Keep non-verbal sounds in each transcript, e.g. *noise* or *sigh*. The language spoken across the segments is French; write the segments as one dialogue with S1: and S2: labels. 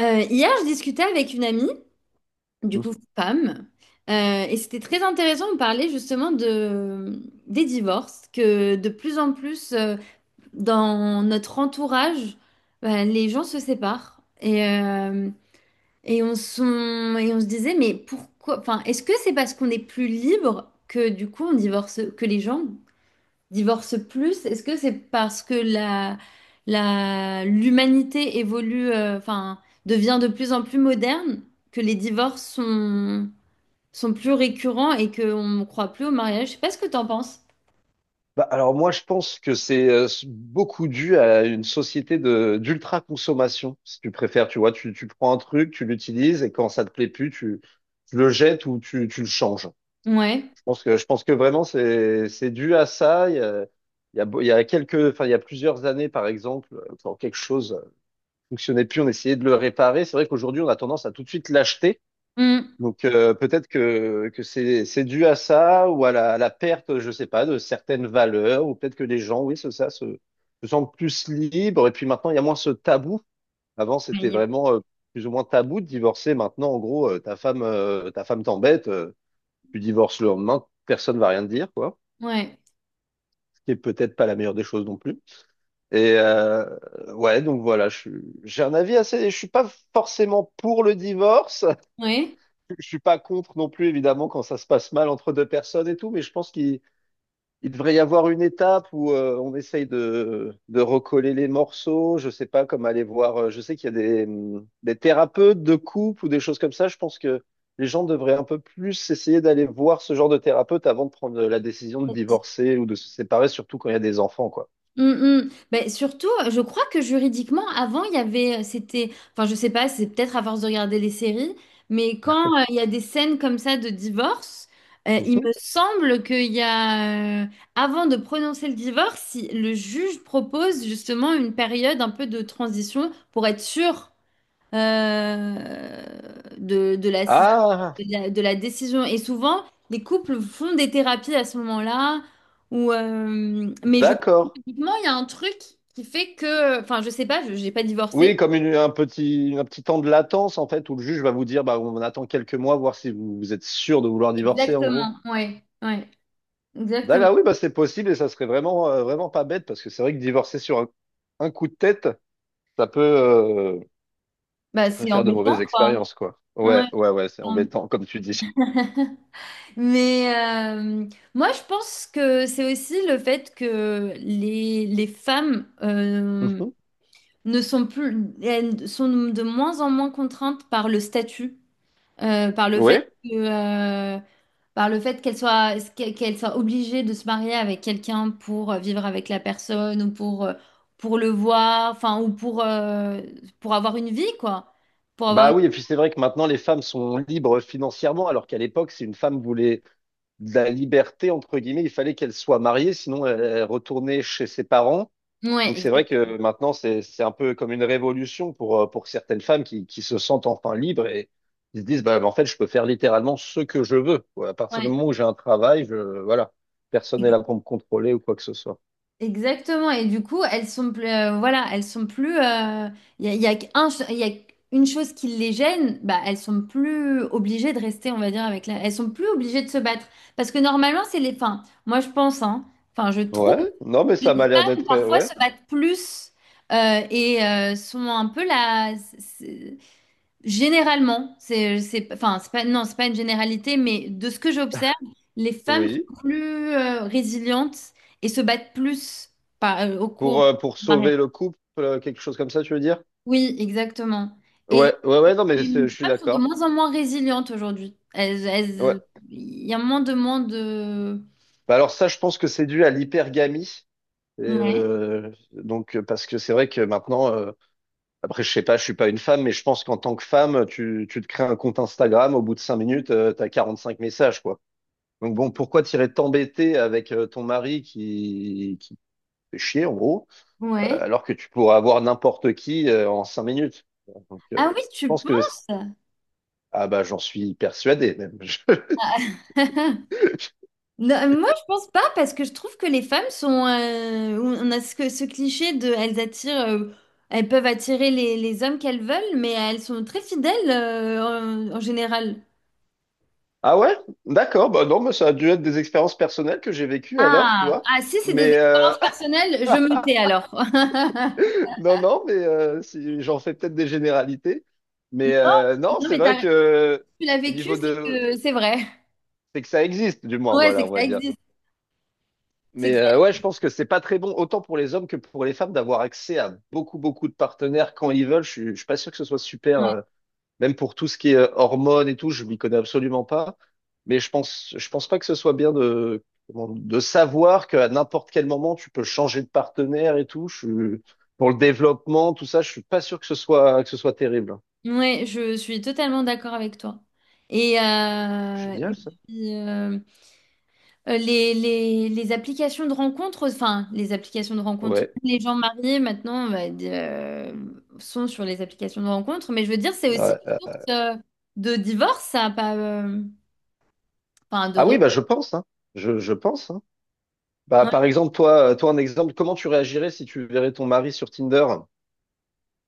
S1: Hier, je discutais avec une amie, du
S2: Mhm.
S1: coup femme, et c'était très intéressant. On parlait justement des divorces, que de plus en plus dans notre entourage, bah, les gens se séparent. Et on se disait, mais pourquoi? Enfin, est-ce que c'est parce qu'on est plus libre que du coup on divorce, que les gens divorcent plus, est-ce que c'est parce que l'humanité évolue, enfin, devient de plus en plus moderne, que les divorces sont plus récurrents et qu'on ne croit plus au mariage? Je sais pas ce que t'en penses.
S2: Bah, alors moi, je pense que c'est beaucoup dû à une société de d'ultra-consommation, si tu préfères. Tu vois, tu prends un truc, tu l'utilises et quand ça te plaît plus, tu le jettes ou tu le changes.
S1: Ouais.
S2: Je pense que vraiment, c'est dû à ça. Il y a quelques, enfin, il y a plusieurs années, par exemple, quand quelque chose fonctionnait plus, on essayait de le réparer. C'est vrai qu'aujourd'hui, on a tendance à tout de suite l'acheter.
S1: Mm.
S2: Donc peut-être que c'est dû à ça ou à à la perte, je sais pas, de certaines valeurs, ou peut-être que les gens, oui, c'est ça, se sentent plus libres. Et puis maintenant, il y a moins ce tabou. Avant, c'était vraiment plus ou moins tabou de divorcer. Maintenant, en gros, ta femme t'embête, tu divorces le lendemain, personne va rien te dire, quoi.
S1: Ouais.
S2: Ce qui est peut-être pas la meilleure des choses non plus. Et ouais, donc voilà, j'ai un avis assez. Je suis pas forcément pour le divorce.
S1: Ouais.
S2: Je suis pas contre non plus, évidemment, quand ça se passe mal entre deux personnes et tout, mais je pense qu'il il devrait y avoir une étape où on essaye de recoller les morceaux. Je sais pas comme aller voir. Je sais qu'il y a des thérapeutes de couple ou des choses comme ça. Je pense que les gens devraient un peu plus essayer d'aller voir ce genre de thérapeute avant de prendre la décision de divorcer ou de se séparer, surtout quand il y a des enfants, quoi.
S1: Mm, mm. Ben, surtout, je crois que juridiquement, avant, il y avait, c'était, enfin, je sais pas, c'est peut-être à force de regarder les séries, mais quand il y a des scènes comme ça de divorce, il me
S2: Mhm.
S1: semble qu'il y a, avant de prononcer le divorce, si le juge propose justement une période un peu de transition pour être sûr euh, de, de la, de
S2: Ah,
S1: de la décision. Et souvent, les couples font des thérapies à ce moment-là. Mais je crois que
S2: d'accord.
S1: typiquement, il y a un truc qui fait que... Enfin, je sais pas, je n'ai pas
S2: Oui,
S1: divorcé.
S2: comme un petit temps de latence, en fait, où le juge va vous dire, bah, on attend quelques mois, voir si vous êtes sûr de vouloir divorcer, en gros.
S1: Exactement, ouais, ouais,
S2: D'accord,
S1: exactement.
S2: ah oui, bah, c'est possible et ça serait vraiment, vraiment pas bête parce que c'est vrai que divorcer sur un coup de tête, ça peut, euh,
S1: Bah,
S2: ça peut
S1: c'est
S2: faire de mauvaises
S1: embêtant, quoi.
S2: expériences, quoi.
S1: Ouais.
S2: Ouais, ouais, ouais, c'est
S1: C'est embêtant.
S2: embêtant, comme tu dis.
S1: *laughs* Mais euh, moi, je pense que c'est aussi le fait que les femmes
S2: Mhm.
S1: ne sont plus, elles sont de moins en moins contraintes par le statut, euh, par le fait
S2: Oui.
S1: que, euh, par le fait qu'elles soient obligées de se marier avec quelqu'un pour vivre avec la personne ou pour le voir, enfin, ou pour avoir une vie, quoi. Pour avoir
S2: Bah oui, et puis c'est vrai que maintenant, les femmes sont libres financièrement, alors qu'à l'époque, si une femme voulait de la liberté, entre guillemets, il fallait qu'elle soit mariée, sinon elle retournait chez ses parents.
S1: une...
S2: Donc
S1: Ouais,
S2: c'est vrai que maintenant, c'est un peu comme une révolution pour certaines femmes qui se sentent enfin libres et qui se disent, bah, en fait, je peux faire littéralement ce que je veux, quoi. À partir du
S1: exactement.
S2: moment où j'ai un travail, je, voilà, personne n'est là pour me contrôler ou quoi que ce soit.
S1: Exactement. Et du coup, elles sont plus, voilà, elles sont plus. Il y a il y a une chose qui les gêne, bah, elles sont plus obligées de rester, on va dire, avec la. Elles sont plus obligées de se battre. Parce que normalement, c'est les. Enfin, moi, je pense, hein. Enfin, je trouve
S2: Ouais, non, mais
S1: que
S2: ça
S1: les
S2: m'a l'air
S1: femmes,
S2: d'être,
S1: parfois,
S2: ouais,
S1: se battent plus sont un peu la. Généralement, enfin, c'est pas, non, c'est pas une généralité, mais de ce que j'observe, les femmes
S2: oui.
S1: sont plus résilientes et se battent plus au cours
S2: Pour
S1: du mariage.
S2: sauver le couple, quelque chose comme ça, tu veux dire?
S1: Oui, exactement. Et,
S2: Ouais, ouais, ouais, non, mais
S1: et les
S2: je suis
S1: femmes sont de
S2: d'accord.
S1: moins en moins résilientes aujourd'hui.
S2: Ouais.
S1: Il y a moins de...
S2: Bah alors ça, je pense que c'est dû à l'hypergamie. Et,
S1: Ouais,
S2: donc, parce que c'est vrai que maintenant, après, je sais pas, je suis pas une femme, mais je pense qu'en tant que femme, tu te crées un compte Instagram, au bout de 5 minutes, t'as 5 messages, quoi. Donc bon, pourquoi t'irais t'embêter avec ton mari qui te fait chier, en gros,
S1: ouais.
S2: alors que tu pourrais avoir n'importe qui en 5 minutes. Donc,
S1: Ah oui,
S2: je
S1: tu
S2: pense que...
S1: penses?
S2: Ah bah, j'en suis persuadé, même. *laughs* Je-
S1: *laughs* Non, moi, je pense pas parce que je trouve que les femmes sont. On a ce, que- ce cliché de. Elles attirent. Elles peuvent attirer les hommes qu'elles veulent, mais elles sont très fidèles en général.
S2: Ah ouais? D'accord, bah non, mais ça a dû être des expériences personnelles que j'ai vécues alors, tu
S1: Ah,
S2: vois.
S1: ah, si c'est des
S2: Mais...
S1: expériences personnelles, je
S2: *laughs*
S1: me tais alors. *laughs*
S2: Non, non, mais j'en fais peut-être des généralités.
S1: Non,
S2: Mais non,
S1: non,
S2: c'est
S1: mais
S2: vrai que
S1: tu l'as
S2: au
S1: vécu,
S2: niveau
S1: c'est
S2: de...
S1: que c'est vrai.
S2: C'est que ça existe, du moins,
S1: Ouais, c'est
S2: voilà,
S1: que
S2: on
S1: ça
S2: va dire.
S1: existe. C'est
S2: Mais
S1: que
S2: ouais, je pense que c'est pas très bon, autant pour les hommes que pour les femmes, d'avoir accès à beaucoup, beaucoup de partenaires quand ils veulent. Je suis pas sûr que ce soit super.
S1: ouais.
S2: Même pour tout ce qui est hormones et tout, je m'y connais absolument pas. Mais je pense pas que ce soit bien de, de savoir qu'à n'importe quel moment, tu peux changer de partenaire et tout. Pour le développement, tout ça, je suis pas sûr que ce soit terrible.
S1: Ouais, je suis totalement d'accord avec toi. Et, euh,
S2: Génial,
S1: et
S2: ça.
S1: puis, euh, les applications de rencontres, enfin, les applications de rencontres,
S2: Ouais.
S1: les gens mariés maintenant sont sur les applications de rencontres, mais je veux dire, c'est aussi une
S2: Ouais.
S1: source de divorce, ça, pas, enfin, de
S2: Ah oui,
S1: ré-
S2: bah, je pense, hein. Je pense, hein. Bah,
S1: ouais.
S2: par exemple, toi, toi, un exemple, comment tu réagirais si tu verrais ton mari sur Tinder?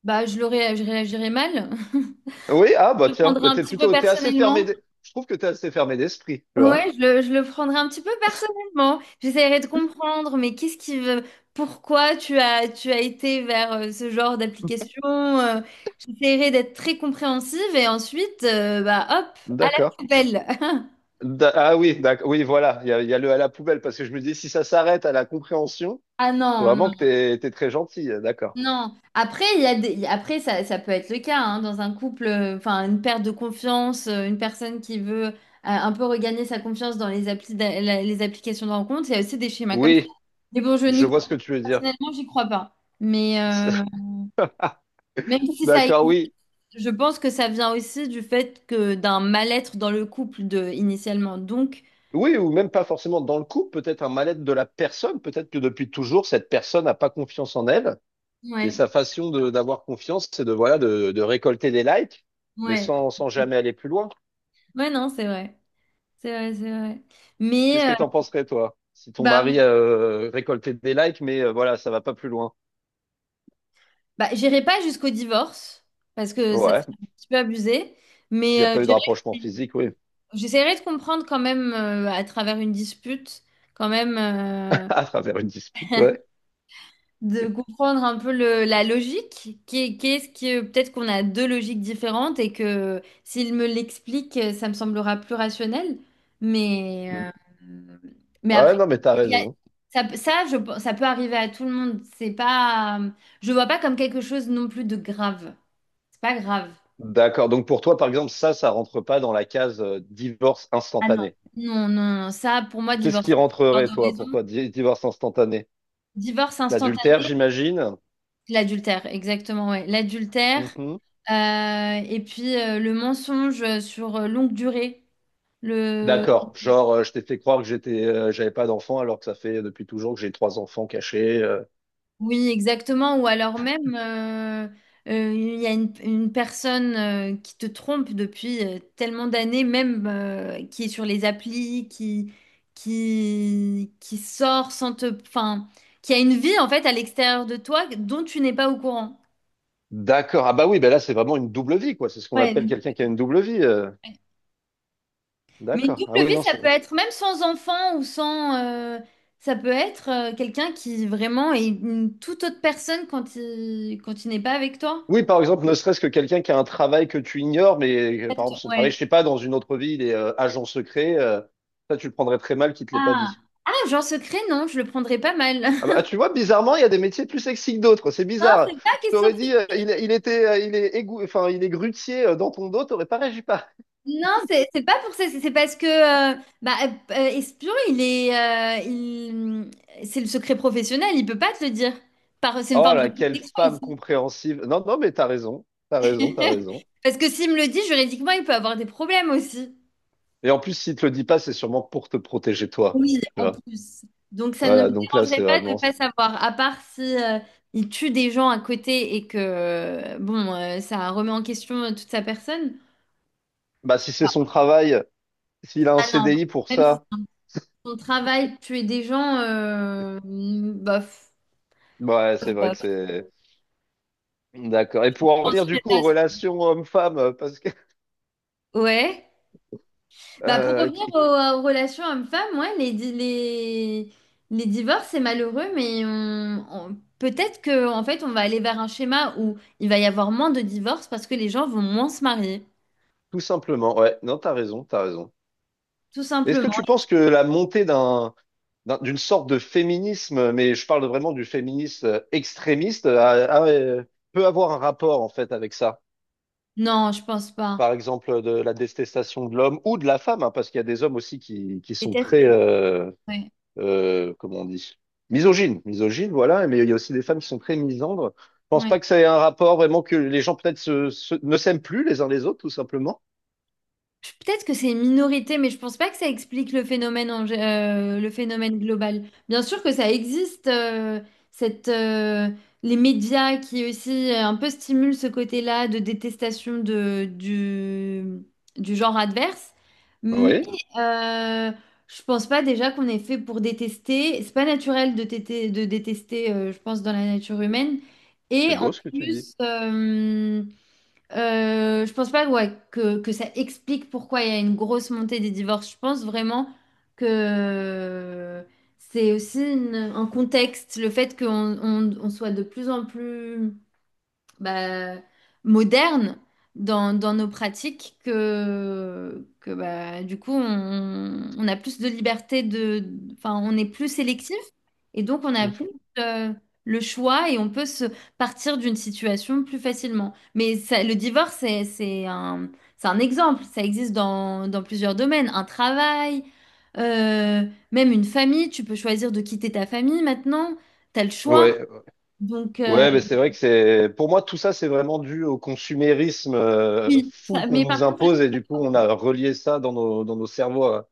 S1: Bah, je réagirais mal, *laughs*
S2: Oui, ah,
S1: je
S2: bah,
S1: le
S2: tiens,
S1: prendrais
S2: bah,
S1: un petit peu
S2: t'es assez fermé,
S1: personnellement.
S2: je trouve que t'es assez fermé d'esprit, tu vois.
S1: Ouais, je le prendrai un petit peu personnellement. J'essaierai de comprendre, mais qu'est-ce qui veut, pourquoi tu as été vers ce genre d'application? J'essaierai d'être très compréhensive et ensuite, bah hop, à la
S2: D'accord.
S1: poubelle. *laughs*
S2: Ah oui, oui, voilà, il y a le à la poubelle, parce que je me dis, si ça s'arrête à la compréhension,
S1: Ah
S2: c'est
S1: non,
S2: vraiment
S1: non,
S2: que t'es très gentil, d'accord.
S1: non. Après, il y a des... Après ça, ça peut être le cas hein, dans un couple, enfin une perte de confiance, une personne qui veut un peu regagner sa confiance dans les applis les applications de rencontre. Il y a aussi des schémas comme ça.
S2: Oui,
S1: Mais bon, je n'y
S2: je vois
S1: crois,
S2: ce que tu veux dire.
S1: personnellement, j'y crois pas. Mais, même
S2: *laughs*
S1: si ça
S2: D'accord,
S1: existe,
S2: oui.
S1: je pense que ça vient aussi du fait que d'un mal-être dans le couple de, initialement. Donc,
S2: Oui, ou même pas forcément dans le couple, peut-être un mal-être de la personne, peut-être que depuis toujours, cette personne n'a pas confiance en elle, et
S1: ouais,
S2: sa façon d'avoir confiance, c'est de, voilà, de récolter des likes, mais
S1: ouais,
S2: sans, sans jamais aller plus loin.
S1: ouais, non, c'est vrai, c'est vrai, c'est vrai.
S2: Qu'est-ce
S1: Mais
S2: que t'en penserais, toi, si ton
S1: bah,
S2: mari récoltait des likes, mais voilà, ça va pas plus loin?
S1: bah, j'irai pas jusqu'au divorce parce que ça serait
S2: Ouais,
S1: un petit peu abusé.
S2: il
S1: Mais
S2: n'y a pas eu de rapprochement physique, oui,
S1: j'essaierai de comprendre quand même à travers une dispute, quand même.
S2: *laughs* à travers une dispute, ouais.
S1: De comprendre un peu le- la logique, qui, qu'est-ce que peut-être qu'on a deux logiques différentes et que s'il me l'explique, ça me semblera plus rationnel. Mais, euh, mais après,
S2: Ouais, non, mais t'as
S1: il y a-
S2: raison.
S1: ça, ça, ça peut arriver à tout le monde. C'est pas, Je vois pas comme quelque chose non plus de grave. C'est pas grave.
S2: D'accord. Donc pour toi, par exemple, ça rentre pas dans la case divorce
S1: Ah non.
S2: instantané.
S1: Non, non, non. Ça, pour moi,
S2: Qu'est-ce
S1: divorce,
S2: qui
S1: c'est une histoire
S2: rentrerait,
S1: de
S2: toi,
S1: raison.
S2: pour toi, divorce instantané?
S1: Divorce
S2: L'adultère,
S1: instantané.
S2: j'imagine?
S1: L'adultère, exactement, ouais. L'adultère,
S2: Mhm.
S1: et puis le mensonge sur longue durée. Le...
S2: D'accord. Genre, je t'ai fait croire que j'étais, j'avais pas d'enfant alors que ça fait depuis toujours que j'ai 3 enfants cachés.
S1: Oui, exactement. Ou alors même, il y a une personne qui te trompe depuis tellement d'années, même qui est sur les applis, qui sort sans te... Enfin, qui a une vie en fait à l'extérieur de toi dont tu n'es pas au courant.
S2: D'accord. Ah bah oui, bah là, c'est vraiment une double vie, quoi. C'est ce qu'on
S1: Ouais.
S2: appelle quelqu'un qui a une double vie.
S1: Mais une
S2: D'accord. Ah
S1: double
S2: oui,
S1: vie,
S2: non,
S1: ça
S2: c'est
S1: peut
S2: vrai.
S1: être même sans enfant ou sans... ça peut être quelqu'un qui vraiment est une toute autre personne quand il n'est pas avec toi.
S2: Oui, par exemple, ne serait-ce que quelqu'un qui a un travail que tu ignores, mais
S1: En fait,
S2: par exemple son travail,
S1: ouais.
S2: je sais pas, dans une autre ville et agent secret, ça tu le prendrais très mal qu'il te l'ait pas
S1: Ah.
S2: dit.
S1: Ah, genre secret, non, je le prendrais pas mal.
S2: Ah bah,
S1: *laughs*
S2: tu vois, bizarrement, il y a des métiers plus sexy que d'autres. C'est
S1: Non, c'est
S2: bizarre.
S1: pas
S2: Je
S1: question de...
S2: t'aurais dit,
S1: secret.
S2: il était, enfin, il est grutier dans ton dos, t'aurais pas réagi pas.
S1: Non, c'est pas pour ça. C'est parce que bah, espion, c'est le secret professionnel. Il peut pas te le dire. Par, c'est une
S2: Oh
S1: forme de
S2: là, quelle
S1: protection
S2: femme
S1: aussi.
S2: compréhensive. Non, non, mais t'as raison, t'as raison, t'as
S1: *laughs*
S2: raison.
S1: Parce que s'il me le dit, juridiquement, il peut avoir des problèmes aussi.
S2: Et en plus, s'il te le dit pas, c'est sûrement pour te protéger toi.
S1: Oui,
S2: Tu
S1: en
S2: vois.
S1: plus. Donc ça ne me
S2: Voilà, donc là, c'est
S1: dérangerait pas de
S2: vraiment.
S1: pas savoir, à part si il tue des gens à côté et que bon, ça remet en question toute sa personne.
S2: Bah, si c'est son travail, s'il a un
S1: Ah non,
S2: CDI pour
S1: même si
S2: ça.
S1: son travail, tuer des gens, bof.
S2: Ouais, c'est vrai que
S1: Bof.
S2: c'est d'accord. Et
S1: Je
S2: pour en
S1: pense
S2: revenir
S1: que
S2: du coup
S1: c'est
S2: aux
S1: ça.
S2: relations homme-femme, parce que
S1: Ouais. Bah pour revenir aux,
S2: qui-
S1: aux relations hommes-femmes, ouais, les divorces, c'est malheureux, mais peut-être que en fait on va aller vers un schéma où il va y avoir moins de divorces parce que les gens vont moins se marier.
S2: tout simplement, ouais, non, t'as raison, t'as raison.
S1: Tout
S2: Est-ce que
S1: simplement.
S2: tu penses que la montée d'une sorte de féminisme, mais je parle vraiment du féminisme extrémiste, a- euh, peut avoir un rapport en fait avec ça?
S1: Non, je pense pas.
S2: Par exemple, de la détestation de l'homme ou de la femme, hein, parce qu'il y a des hommes aussi qui sont
S1: Déteste
S2: très,
S1: les... Oui,
S2: comment on dit, misogynes, voilà, mais il y a aussi des femmes qui sont très misandres. Je pense pas que ça ait un rapport vraiment que les gens peut-être ne s'aiment plus les uns les autres, tout simplement.
S1: Peut-être que c'est une minorité, mais je pense pas que ça explique le phénomène, le phénomène global. Bien sûr que ça existe, cette, euh, les médias qui aussi un peu stimulent ce côté-là de détestation du genre adverse, mais
S2: Oui,
S1: euh, je pense pas déjà qu'on est fait pour détester. C'est pas naturel de, de détester, je pense, dans la nature humaine.
S2: c'est
S1: Et en
S2: beau ce que tu dis.
S1: plus, je pense pas ouais, que ça explique pourquoi il y a une grosse montée des divorces. Je pense vraiment que c'est aussi un contexte, le fait qu'on on soit de plus en plus bah, moderne dans nos pratiques que bah, du coup, on a plus de liberté de, enfin, on est plus sélectif et donc on a plus
S2: Mhm.
S1: euh, le choix et on peut se partir d'une situation plus facilement. Mais le divorce, c'est un exemple. Ça existe dans plusieurs domaines. Un travail, euh, même une famille. Tu peux choisir de quitter ta famille maintenant. Tu as le choix.
S2: Ouais,
S1: Donc,
S2: ouais, mais c'est vrai que c'est, pour moi, tout ça, c'est vraiment dû au consumérisme
S1: oui,
S2: fou qu'on
S1: mais par
S2: nous
S1: contre,
S2: impose et du coup, on a relié ça dans dans nos cerveaux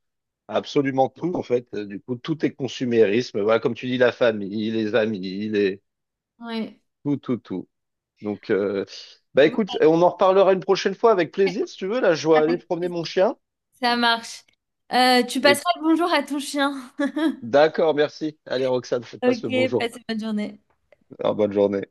S2: à absolument tout, en fait. Du coup, tout est consumérisme. Voilà, comme tu dis, la famille, les amis,
S1: ouais.
S2: tout, tout, tout. Donc, bah écoute, on en reparlera une prochaine fois avec plaisir, si tu veux. Là, je dois aller
S1: Voilà,
S2: promener mon chien.
S1: ça marche. Tu
S2: Et
S1: passeras le bonjour à ton chien. *laughs*
S2: d'accord, merci. Allez, Roxane, passe le
S1: Ok,
S2: bonjour.
S1: passe une bonne journée.
S2: Alors, bonne journée.